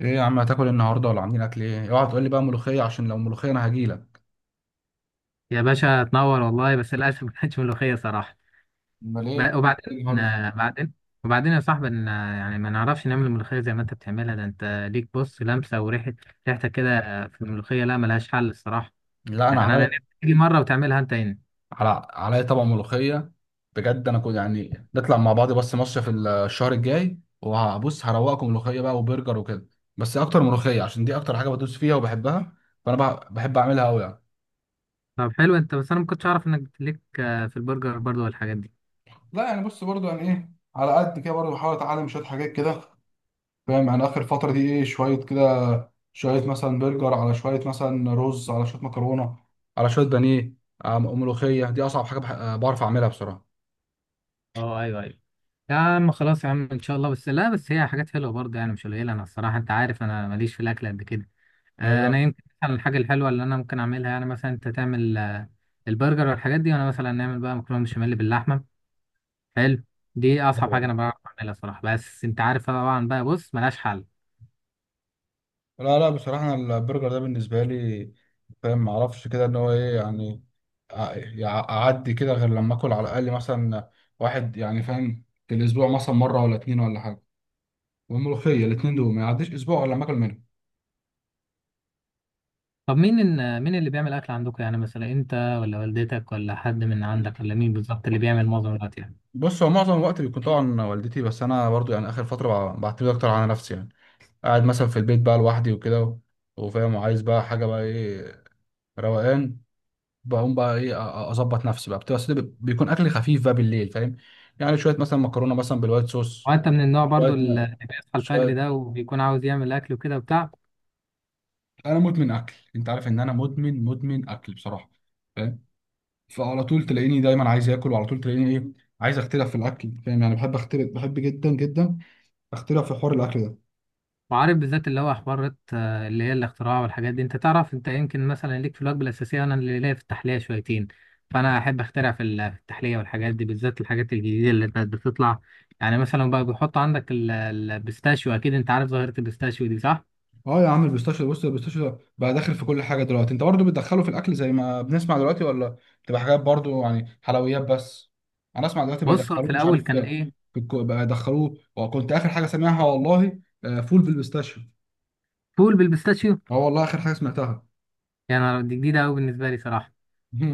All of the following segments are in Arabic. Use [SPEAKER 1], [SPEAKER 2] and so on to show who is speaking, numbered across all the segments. [SPEAKER 1] ايه يا عم، هتاكل إيه النهارده؟ ولا عاملين اكل ايه؟ اوعى تقول لي بقى ملوخيه، عشان لو ملوخيه انا هجيلك.
[SPEAKER 2] يا باشا، تنور والله. بس للأسف ما كانتش ملوخية صراحة.
[SPEAKER 1] امال ايه؟ انت
[SPEAKER 2] ب-
[SPEAKER 1] عامل
[SPEAKER 2] وبعدين
[SPEAKER 1] إيه النهارده؟
[SPEAKER 2] آه، بعدين وبعدين يا صاحبي يعني ما نعرفش نعمل الملوخية زي ما أنت بتعملها. ده أنت ليك بص، لمسة وريحة. ريحتك كده في الملوخية لا، ملهاش حل الصراحة.
[SPEAKER 1] لا انا
[SPEAKER 2] يعني أنا
[SPEAKER 1] علي
[SPEAKER 2] نفسي تيجي مرة وتعملها أنت هنا.
[SPEAKER 1] على علي طبق ملوخيه. بجد انا كنت يعني نطلع مع بعض بس مصيف الشهر الجاي، وهبص هروقكم ملوخيه بقى وبرجر وكده. بس اكتر ملوخيه، عشان دي اكتر حاجه بدوس فيها وبحبها. فانا بحب اعملها قوي يعني.
[SPEAKER 2] طب حلو أنت، بس أنا ما كنتش أعرف إنك ليك في البرجر برضه والحاجات دي.
[SPEAKER 1] لا يعني بص، برضو يعني ايه، على قد كده برضو بحاول اتعلم شويه حاجات كده. فاهم، يعني اخر فتره دي ايه، شويه كده، شويه مثلا برجر، على شويه مثلا رز، على شويه مكرونه، على شويه بانيه. ملوخيه دي اصعب حاجه بعرف اعملها بصراحه.
[SPEAKER 2] أه، أيوه أيوه. يا عم خلاص، يا عم إن شاء الله، بس لا بس هي حاجات حلوة برضه، يعني مش قليلة، أنا الصراحة أنت عارف أنا ماليش في الأكل قد كده. انا
[SPEAKER 1] لا
[SPEAKER 2] يمكن مثلا الحاجه الحلوه اللي انا ممكن اعملها، يعني مثلا انت تعمل البرجر والحاجات دي، وانا مثلا نعمل بقى مكرونه بشاميل باللحمه. حلو. دي اصعب حاجه
[SPEAKER 1] لا.
[SPEAKER 2] انا بعرف اعملها صراحه، بس انت عارف طبعا بقى، بص ملهاش حل.
[SPEAKER 1] لا، لا، بصراحه أنا البرجر ده بالنسبه لي. فاهم، ما اعرفش كده ان هو ايه يعني. اعدي كده غير لما اكل على الاقل مثلا واحد يعني، فاهم، في الاسبوع مثلا مره ولا اتنين ولا حاجه. والملوخيه الاتنين دول ما يعديش اسبوع ولا لما اكل منهم.
[SPEAKER 2] طب مين مين اللي بيعمل اكل عندكم؟ يعني مثلا انت، ولا والدتك، ولا حد من عندك، ولا مين بالظبط اللي بيعمل معظم الوقت يعني؟
[SPEAKER 1] بص، هو معظم الوقت بيكون طبعا والدتي، بس انا برضو يعني اخر فتره بعتمد اكتر على نفسي يعني. قاعد مثلا في البيت بقى لوحدي وكده وفاهم وعايز بقى حاجه بقى ايه، روقان. بقوم بقى ايه اظبط نفسي بقى، بتبقى أصل بيكون اكل خفيف بقى بالليل، فاهم. يعني شويه مثلا مكرونه مثلا بالوايت صوص.
[SPEAKER 2] وانت من النوع
[SPEAKER 1] شويه
[SPEAKER 2] برضو
[SPEAKER 1] م-
[SPEAKER 2] اللي بيصحى الفجر
[SPEAKER 1] شويه.
[SPEAKER 2] ده وبيكون عاوز يعمل اكل وكده وبتاع؟
[SPEAKER 1] انا مدمن اكل، انت عارف ان انا مدمن اكل بصراحه. فاهم. فعلى طول تلاقيني دايما عايز اكل، وعلى طول تلاقيني ايه، عايز اختلف في الاكل، فاهم يعني، بحب اختلف، بحب جدا جدا اختلف في حوار الاكل ده.
[SPEAKER 2] وعارف بالذات اللي هو حوارات اللي هي الاختراع والحاجات دي، انت تعرف انت يمكن مثلا ليك في الوجبه الاساسيه، انا اللي ليا في التحليه شويتين. فانا احب اخترع في التحليه والحاجات دي، بالذات الحاجات الجديده اللي كانت بتطلع. يعني مثلا بقى بيحط عندك البيستاشيو، اكيد انت عارف ظاهره البيستاشيو دي صح؟
[SPEAKER 1] اه يا عم، البيستاشيو بص، البيستاشيو بقى داخل في كل حاجه دلوقتي، انت برضو بتدخله في الاكل زي ما بنسمع دلوقتي، ولا بتبقى حاجات برضو يعني حلويات بس؟ انا اسمع دلوقتي بقى
[SPEAKER 2] بص هو في
[SPEAKER 1] يدخلوه مش
[SPEAKER 2] الاول
[SPEAKER 1] عارف
[SPEAKER 2] كان
[SPEAKER 1] في
[SPEAKER 2] ايه؟
[SPEAKER 1] بقى يدخلوه، وكنت اخر حاجه سامعها والله فول بالبيستاشيو.
[SPEAKER 2] فول بالبيستاشيو.
[SPEAKER 1] اه والله، اخر حاجه سمعتها.
[SPEAKER 2] يعني دي جديده قوي بالنسبه لي صراحه.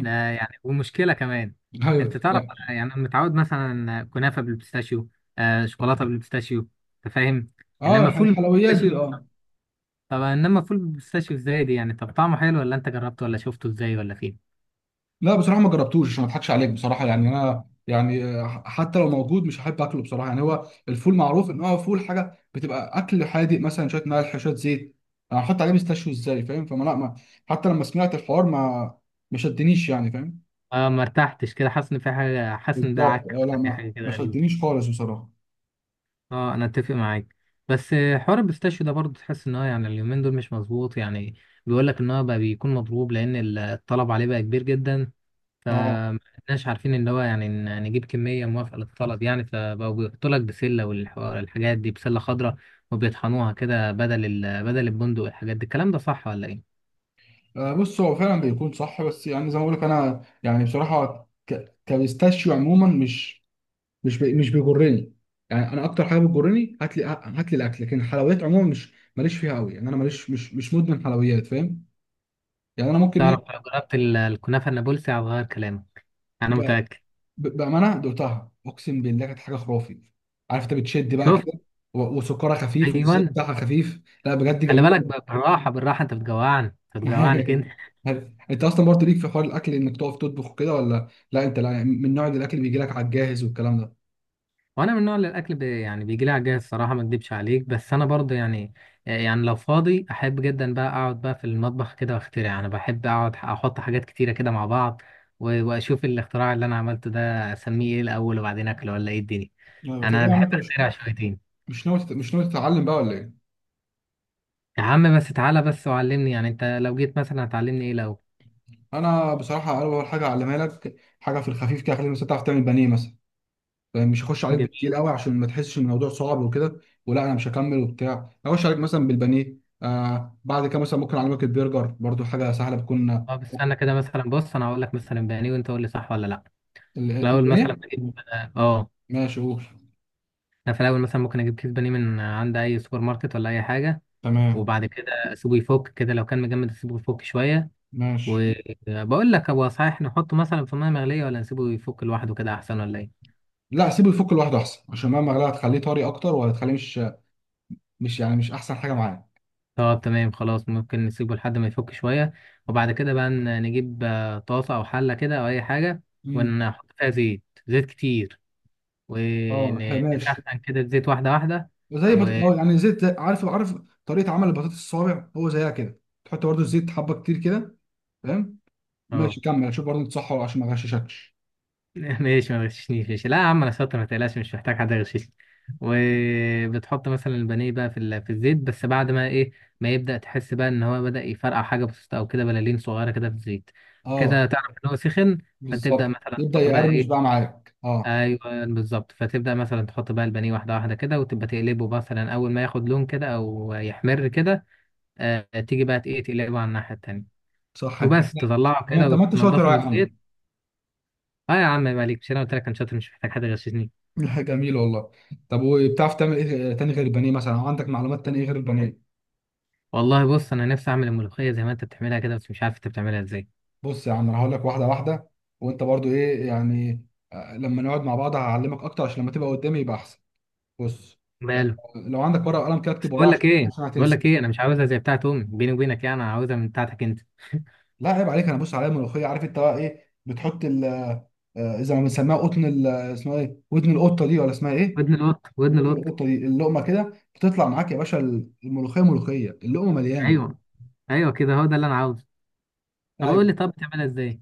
[SPEAKER 2] لا يعني ومشكله كمان.
[SPEAKER 1] ايوه.
[SPEAKER 2] انت تعرف أنا، يعني أنا متعود مثلا كنافه بالبيستاشيو، آه شوكولاته بالبيستاشيو، انت فاهم.
[SPEAKER 1] اه،
[SPEAKER 2] انما فول
[SPEAKER 1] الحلويات دي
[SPEAKER 2] بالبيستاشيو.
[SPEAKER 1] اه.
[SPEAKER 2] طب انما فول بالبيستاشيو ازاي دي يعني؟ طب طعمه حلو ولا انت جربته ولا شفته ازاي ولا فين؟
[SPEAKER 1] لا بصراحه ما جربتوش، عشان ما اضحكش عليك بصراحه، يعني انا يعني حتى لو موجود مش هحب اكله بصراحه، يعني هو الفول معروف ان هو فول حاجه بتبقى اكل حادق، مثلا شويه ملح شويه زيت. انا هحط عليه مستشوي ازاي، فاهم، فما لا ما، حتى لما سمعت الحوار، ما ما شدنيش يعني، فاهم.
[SPEAKER 2] اه ما ارتحتش كده، حاسس ان في حاجه، حاسس ان ده
[SPEAKER 1] بالظبط
[SPEAKER 2] عك
[SPEAKER 1] اه، لا
[SPEAKER 2] ولا في
[SPEAKER 1] ما
[SPEAKER 2] حاجه كده
[SPEAKER 1] ما
[SPEAKER 2] غريبه.
[SPEAKER 1] شدنيش خالص بصراحه.
[SPEAKER 2] اه انا اتفق معاك. بس حوار البيستاشيو ده برضه تحس ان هو يعني اليومين دول مش مظبوط يعني. بيقول لك ان هو بقى بيكون مضروب، لان الطلب عليه بقى كبير جدا.
[SPEAKER 1] اه.
[SPEAKER 2] فمش عارفين ان هو يعني نجيب كميه موافقه للطلب يعني، فبقوا بيحطوا لك بسله والحاجات دي، بسله خضراء. وبيطحنوها كده بدل بدل البندق والحاجات دي. الكلام ده صح ولا ايه؟
[SPEAKER 1] بص هو فعلا بيكون صح، بس يعني زي ما بقول لك انا يعني بصراحه كبيستاشيو عموما مش مش بيجرني. يعني انا اكتر حاجه بتجرني، هات لي هات لي الاكل، لكن الحلويات عموما مش، ماليش فيها قوي، يعني انا ماليش مش مدمن حلويات، فاهم. يعني انا ممكن
[SPEAKER 2] تعرف
[SPEAKER 1] ايه،
[SPEAKER 2] لو جربت الكنافة النابلسي هتغير كلامك. أنا
[SPEAKER 1] ب...
[SPEAKER 2] متأكد.
[SPEAKER 1] بامانه دقتها اقسم بالله كانت حاجه خرافي. عارف انت بتشد بقى
[SPEAKER 2] شفت؟
[SPEAKER 1] كده. وسكرها خفيف والزيت
[SPEAKER 2] أيوة.
[SPEAKER 1] بتاعها خفيف، لا بجد
[SPEAKER 2] خلي
[SPEAKER 1] جميله.
[SPEAKER 2] بالك، بالراحة بالراحة، أنت بتجوعني. أنت بتجوعني كده.
[SPEAKER 1] انت اصلا برضه ليك في حوار الاكل، انك تقف تطبخ كده، ولا لا، انت لا من نوع الاكل اللي بيجي لك على الجاهز والكلام ده؟
[SPEAKER 2] وأنا من النوع اللي الأكل بي يعني بيجي لي عجاز الصراحة، ما أكدبش عليك، بس أنا برضه يعني، يعني لو فاضي أحب جدا بقى أقعد بقى في المطبخ كده وأخترع. أنا بحب أقعد أحط حاجات كتيرة كده مع بعض، وأشوف الاختراع اللي أنا عملته ده أسميه إيه الأول، وبعدين أكله، ولا إيه الدنيا.
[SPEAKER 1] يعني طب
[SPEAKER 2] يعني
[SPEAKER 1] إيه
[SPEAKER 2] أنا
[SPEAKER 1] يا عم،
[SPEAKER 2] بحب
[SPEAKER 1] انت مش،
[SPEAKER 2] أخترع شويتين.
[SPEAKER 1] مش ناوي تتعلم بقى ولا ايه؟
[SPEAKER 2] يا عم بس تعالى بس وعلمني، يعني أنت لو جيت مثلا هتعلمني إيه لو؟
[SPEAKER 1] انا بصراحه اول حاجه اعلمها لك، حاجه في الخفيف كده، خليك مثلا تعرف تعمل بانيه مثلا. يعني مش هخش عليك بالتقيل قوي عشان ما تحسش ان الموضوع صعب وكده، ولا انا مش هكمل وبتاع، اخش عليك مثلا بالبانيه. بعد كده مثلا ممكن اعلمك البرجر، برضو حاجه سهله بتكون
[SPEAKER 2] طب استنى كده مثلا، بص انا هقول لك مثلا بانيه وانت قول لي صح ولا لا. في الاول مثلا
[SPEAKER 1] البانيه.
[SPEAKER 2] بجيب.
[SPEAKER 1] ماشي، قول.
[SPEAKER 2] انا في الاول مثلا ممكن اجيب كيس بانيه من عند اي سوبر ماركت ولا اي حاجه.
[SPEAKER 1] تمام.
[SPEAKER 2] وبعد كده اسيبه يفك كده، لو كان مجمد اسيبه يفك شويه.
[SPEAKER 1] ماشي.
[SPEAKER 2] وبقول لك، هو صحيح نحطه مثلا في ميه مغليه ولا نسيبه يفك لوحده كده احسن ولا ايه؟
[SPEAKER 1] لا، سيبه يفك لوحده احسن، عشان مهما غلا هتخليه طري اكتر، وهتخليه مش، مش يعني مش احسن حاجه معاه.
[SPEAKER 2] طب تمام خلاص، ممكن نسيبه لحد ما يفك شويه. وبعد كده بقى نجيب طاسه او حله كده او اي حاجه،
[SPEAKER 1] امم.
[SPEAKER 2] ونحط فيها زيت، زيت كتير.
[SPEAKER 1] اه ماشي.
[SPEAKER 2] ونسخن كده الزيت، واحده واحده.
[SPEAKER 1] زي بط... اه يعني زيت عارف، عارف طريقه عمل البطاطس الصوابع، هو زيها كده، تحط برضو الزيت حبه كتير كده. فاهم.
[SPEAKER 2] اه.
[SPEAKER 1] ماشي كمل، شوف برضو تصحى عشان ما غششكش.
[SPEAKER 2] ماشي، ما تغششنيش. ماشي، لا يا عم انا شاطر، ما تقلقش مش محتاج حد يغششني. وبتحط مثلا البانيه بقى في الزيت، بس بعد ما ايه، ما يبدأ تحس بقى ان هو بدأ يفرقع حاجه بسيطه، او كده بلالين صغيره كده في الزيت، كده
[SPEAKER 1] اه
[SPEAKER 2] تعرف ان هو سخن. فتبدأ
[SPEAKER 1] بالظبط،
[SPEAKER 2] مثلا
[SPEAKER 1] يبدا
[SPEAKER 2] تحط بقى
[SPEAKER 1] يقرمش
[SPEAKER 2] ايه،
[SPEAKER 1] بقى معاك اه.
[SPEAKER 2] ايوه بالظبط، فتبدأ مثلا تحط بقى البانيه واحده واحده كده، وتبقى تقلبه، مثلا اول ما ياخد لون كده او يحمر كده، آه تيجي بقى ايه، تقلبه على الناحيه التانيه.
[SPEAKER 1] صح انت كده.
[SPEAKER 2] وبس تطلعه
[SPEAKER 1] لا،
[SPEAKER 2] كده
[SPEAKER 1] طب ما انت شاطر
[SPEAKER 2] وتنضفه
[SPEAKER 1] أهو
[SPEAKER 2] من
[SPEAKER 1] يا
[SPEAKER 2] الزيت.
[SPEAKER 1] عم.
[SPEAKER 2] اه يا عم عيب عليك، مش انا قلت لك انا شاطر مش محتاج حد يغششني.
[SPEAKER 1] جميل والله. طب وبتعرف تعمل ايه تاني غير البانيه مثلا، أو عندك معلومات تاني إيه غير البانيه؟
[SPEAKER 2] والله بص انا نفسي اعمل الملوخيه زي ما انت بتعملها كده، بس مش عارف انت بتعملها ازاي.
[SPEAKER 1] بص يا عم، انا هقول لك واحده واحده. وانت برضو ايه يعني، لما نقعد مع بعض هعلمك اكتر، عشان لما تبقى قدامي يبقى احسن. بص. آه،
[SPEAKER 2] ماله.
[SPEAKER 1] لو عندك ورقه وقلم كده،
[SPEAKER 2] بس
[SPEAKER 1] اكتب ورايا،
[SPEAKER 2] بقول لك
[SPEAKER 1] عشان
[SPEAKER 2] ايه،
[SPEAKER 1] عشان هتنسى.
[SPEAKER 2] انا مش عاوزها زي بتاعت امي بيني وبينك، يعني انا عاوزها من بتاعتك انت.
[SPEAKER 1] لا عيب عليك، انا بص عليا الملوخيه، عارف انت بقى ايه بتحط ال، اذا ما بنسميها قطن اسمها ايه، ودن القطه دي، ولا اسمها ايه؟
[SPEAKER 2] ودن القط، ودن
[SPEAKER 1] ودن
[SPEAKER 2] القط.
[SPEAKER 1] القطه دي، اللقمه كده بتطلع معاك يا باشا، الملوخيه، ملوخيه اللقمه مليانه.
[SPEAKER 2] ايوه، ايوه كده هو ده اللي انا عاوزه. طب قول
[SPEAKER 1] ايوه.
[SPEAKER 2] لي، طب بتعملها ازاي؟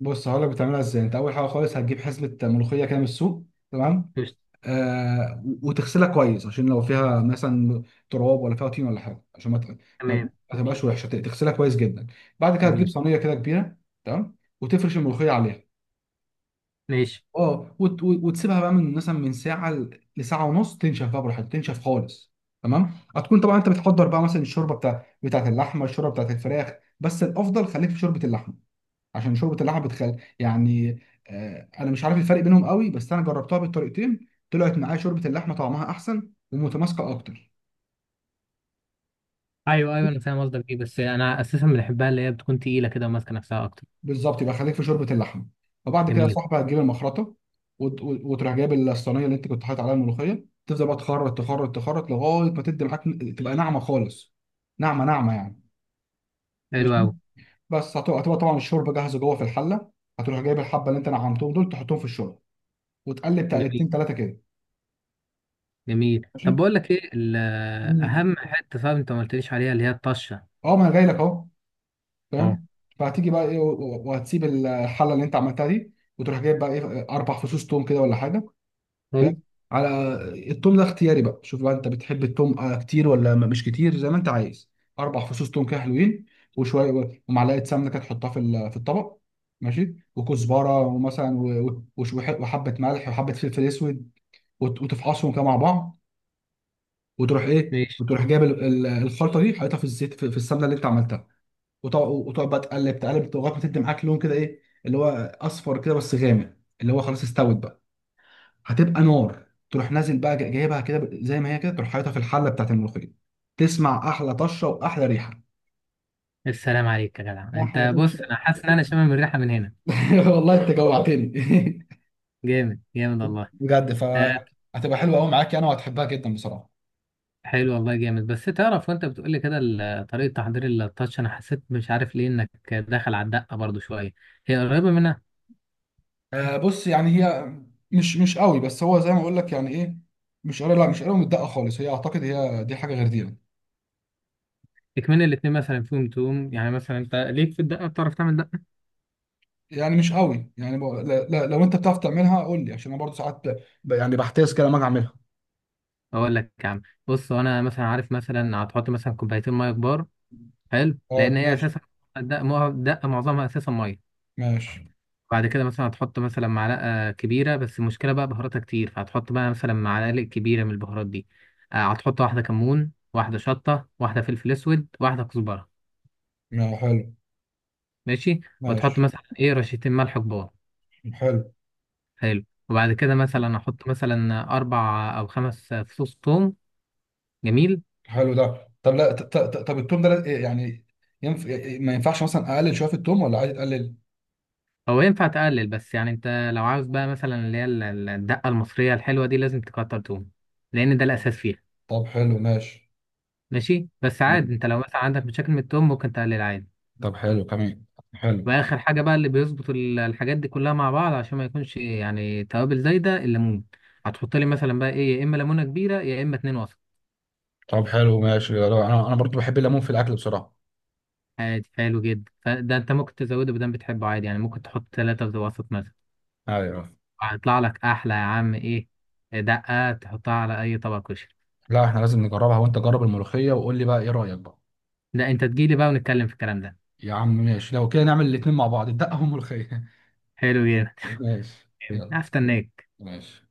[SPEAKER 1] بص هقول لك بتعملها ازاي، انت اول حاجه خالص هتجيب حزمه ملوخيه كده من السوق. تمام.
[SPEAKER 2] قشطة.
[SPEAKER 1] وتغسلها كويس عشان لو فيها مثلا تراب، ولا فيها طين ولا حاجه، عشان ما ت- ما
[SPEAKER 2] تمام
[SPEAKER 1] ما
[SPEAKER 2] جميل.
[SPEAKER 1] تبقاش وحشه، تغسلها كويس جدا. بعد كده هتجيب
[SPEAKER 2] جميل.
[SPEAKER 1] صينيه كده كبيره. تمام، وتفرش الملوخيه عليها.
[SPEAKER 2] ماشي.
[SPEAKER 1] اه وتسيبها بقى من مثلا، من ساعه لساعه ونص، تنشف بقى براحتك، تنشف خالص. تمام، هتكون طبعا انت بتحضر بقى مثلا الشوربه بتاعت اللحمه، الشوربه بتاعت الفراخ. بس الافضل خليك في شوربه اللحمه، عشان شوربه اللحمه بتخل يعني، انا مش عارف الفرق بينهم قوي، بس انا جربتها بالطريقتين، طلعت معايا شوربه اللحمه طعمها احسن ومتماسكه اكتر.
[SPEAKER 2] ايوه، ايوه انا فاهم قصدك ايه، بس انا اساسا بنحبها اللي هي بتكون تقيله كده وماسكه نفسها اكتر.
[SPEAKER 1] بالظبط، يبقى خليك في شوربه اللحمه. وبعد كده يا
[SPEAKER 2] جميل.
[SPEAKER 1] صاحبي، هتجيب المخرطه، وتروح جايب الصينيه اللي انت كنت حاطط عليها الملوخيه، تفضل بقى تخرط تخرط تخرط لغايه ما تدي معاك، تبقى ناعمه خالص. ناعمه ناعمه يعني.
[SPEAKER 2] حلو
[SPEAKER 1] ماشي.
[SPEAKER 2] قوي.
[SPEAKER 1] بس هتبقى طبعا الشوربه جاهزه جوه في الحله. هتروح جايب الحبه اللي انت نعمتهم دول، تحطهم في الشوربه، وتقلب
[SPEAKER 2] جميل
[SPEAKER 1] تقلبتين ثلاثه كده.
[SPEAKER 2] جميل،
[SPEAKER 1] ماشي.
[SPEAKER 2] طب بقول لك ايه.
[SPEAKER 1] مم.
[SPEAKER 2] اهم حته صعب انت ما قلتليش عليها، اللي هي الطشه.
[SPEAKER 1] اه ما انا جاي لك اهو.
[SPEAKER 2] اه.
[SPEAKER 1] فاهم. فهتيجي بقى ايه، وهتسيب الحله اللي انت عملتها دي، وتروح جايب بقى ايه اربع فصوص توم كده ولا حاجه.
[SPEAKER 2] حلو.
[SPEAKER 1] فاهم. على التوم ده اختياري بقى، شوف بقى انت بتحب التوم كتير ولا مش كتير، زي ما انت عايز. اربع فصوص توم كده حلوين. وشويه، ومعلقه سمنه كده تحطها في الطبق. ماشي، وكزبره ومثلا وحبه ملح وحبه فلفل اسود، وتفعصهم كده مع بعض. وتروح ايه،
[SPEAKER 2] ماشي.
[SPEAKER 1] وتروح جايب الخلطه دي حاططها في الزيت، في السمنه اللي انت عملتها. وتقعد وتقعد بقى، تقلب تقلب لغايه ما تدي معاك لون كده ايه، اللي هو اصفر كده بس غامق، اللي هو خلاص استوت بقى. هتبقى نار، تروح نازل بقى جايبها كده زي ما هي كده، تروح حاططها في الحله بتاعت الملوخيه، تسمع احلى طشه واحلى ريحه.
[SPEAKER 2] السلام عليك يا جدع،
[SPEAKER 1] ما احلى
[SPEAKER 2] انت بص
[SPEAKER 1] طشه.
[SPEAKER 2] انا حاسس ان انا شامم الريحه من هنا.
[SPEAKER 1] والله انت جوعتني.
[SPEAKER 2] جامد جامد والله.
[SPEAKER 1] بجد
[SPEAKER 2] آه.
[SPEAKER 1] فهتبقى حلوه قوي معاك يعني، وهتحبها جدا بصراحه.
[SPEAKER 2] حلو والله جامد، بس تعرف وانت بتقول لي كده طريقه تحضير التاتش، انا حسيت مش عارف ليه انك داخل على الدقه برضو شويه. هي قريبه منها.
[SPEAKER 1] بص يعني هي، مش قوي، بس هو زي ما اقول لك يعني ايه، مش قوي، لا مش قوي متدقه خالص، هي اعتقد هي دي حاجه غير دي يعني.
[SPEAKER 2] اكمن الاتنين مثلا فيهم توم، يعني مثلا انت ليك في الدقه، بتعرف تعمل دقه؟
[SPEAKER 1] يعني مش قوي يعني، لا، لا، لو انت بتعرف تعملها قول لي، عشان انا برضو ساعات يعني بحتاس كده لما اجي اعملها.
[SPEAKER 2] اقول لك يا عم، بص انا مثلا عارف مثلا هتحط مثلا كوبايتين ميه كبار. حلو
[SPEAKER 1] اه
[SPEAKER 2] لان هي
[SPEAKER 1] ماشي.
[SPEAKER 2] اساسا الدقه، دقه معظمها اساسا ميه.
[SPEAKER 1] ماشي،
[SPEAKER 2] بعد كده مثلا هتحط مثلا معلقة كبيرة، بس المشكلة بقى بهاراتها كتير، فهتحط بقى مثلا معلقة كبيرة من البهارات دي. هتحط واحدة كمون، واحدة شطة، واحدة فلفل أسود، واحدة كزبرة.
[SPEAKER 1] ما حلو.
[SPEAKER 2] ماشي. وتحط
[SPEAKER 1] ماشي.
[SPEAKER 2] مثلا إيه رشتين ملح كبار.
[SPEAKER 1] حلو.
[SPEAKER 2] حلو. وبعد كده مثلا أحط مثلا 4 أو 5 فصوص ثوم. جميل.
[SPEAKER 1] حلو ده، طب لا طب التوم ده يعني، ينف... ما ينفعش مثلا اقلل شويه في التوم، ولا عادي تقلل؟
[SPEAKER 2] هو ينفع تقلل، بس يعني أنت لو عاوز بقى مثلا اللي هي الدقة المصرية الحلوة دي لازم تكتر توم، لأن ده الأساس فيها.
[SPEAKER 1] طب حلو ماشي.
[SPEAKER 2] ماشي، بس
[SPEAKER 1] مم.
[SPEAKER 2] عادي أنت لو مثلا عندك مشاكل من التوم ممكن تقلل عادي.
[SPEAKER 1] طب حلو كمان. حلو.
[SPEAKER 2] واخر حاجه بقى اللي بيظبط الحاجات دي كلها مع بعض عشان ما يكونش يعني توابل زايده، الليمون. هتحط لي مثلا بقى ايه يا اما ليمونه كبيره، يا اما اتنين وسط.
[SPEAKER 1] طب حلو ماشي يا رب. انا برضو بحب الليمون في الاكل بصراحه.
[SPEAKER 2] عادي، حلو جدا، فده انت ممكن تزوده بدل بتحبه عادي، يعني ممكن تحط ثلاثه في وسط مثلا.
[SPEAKER 1] ايوه.
[SPEAKER 2] هيطلع لك احلى يا عم ايه، دقه تحطها على اي طبق كشري.
[SPEAKER 1] لا احنا لازم نجربها، وانت جرب الملوخيه وقول لي بقى ايه رايك بقى.
[SPEAKER 2] ده انت تجيلي بقى ونتكلم في الكلام ده.
[SPEAKER 1] يا عم ماشي، لو كده نعمل الاتنين مع بعض، الدقه والملوخيه.
[SPEAKER 2] حلو جدا.
[SPEAKER 1] ماشي
[SPEAKER 2] طيب،
[SPEAKER 1] يلا.
[SPEAKER 2] هستناك.
[SPEAKER 1] ماشي.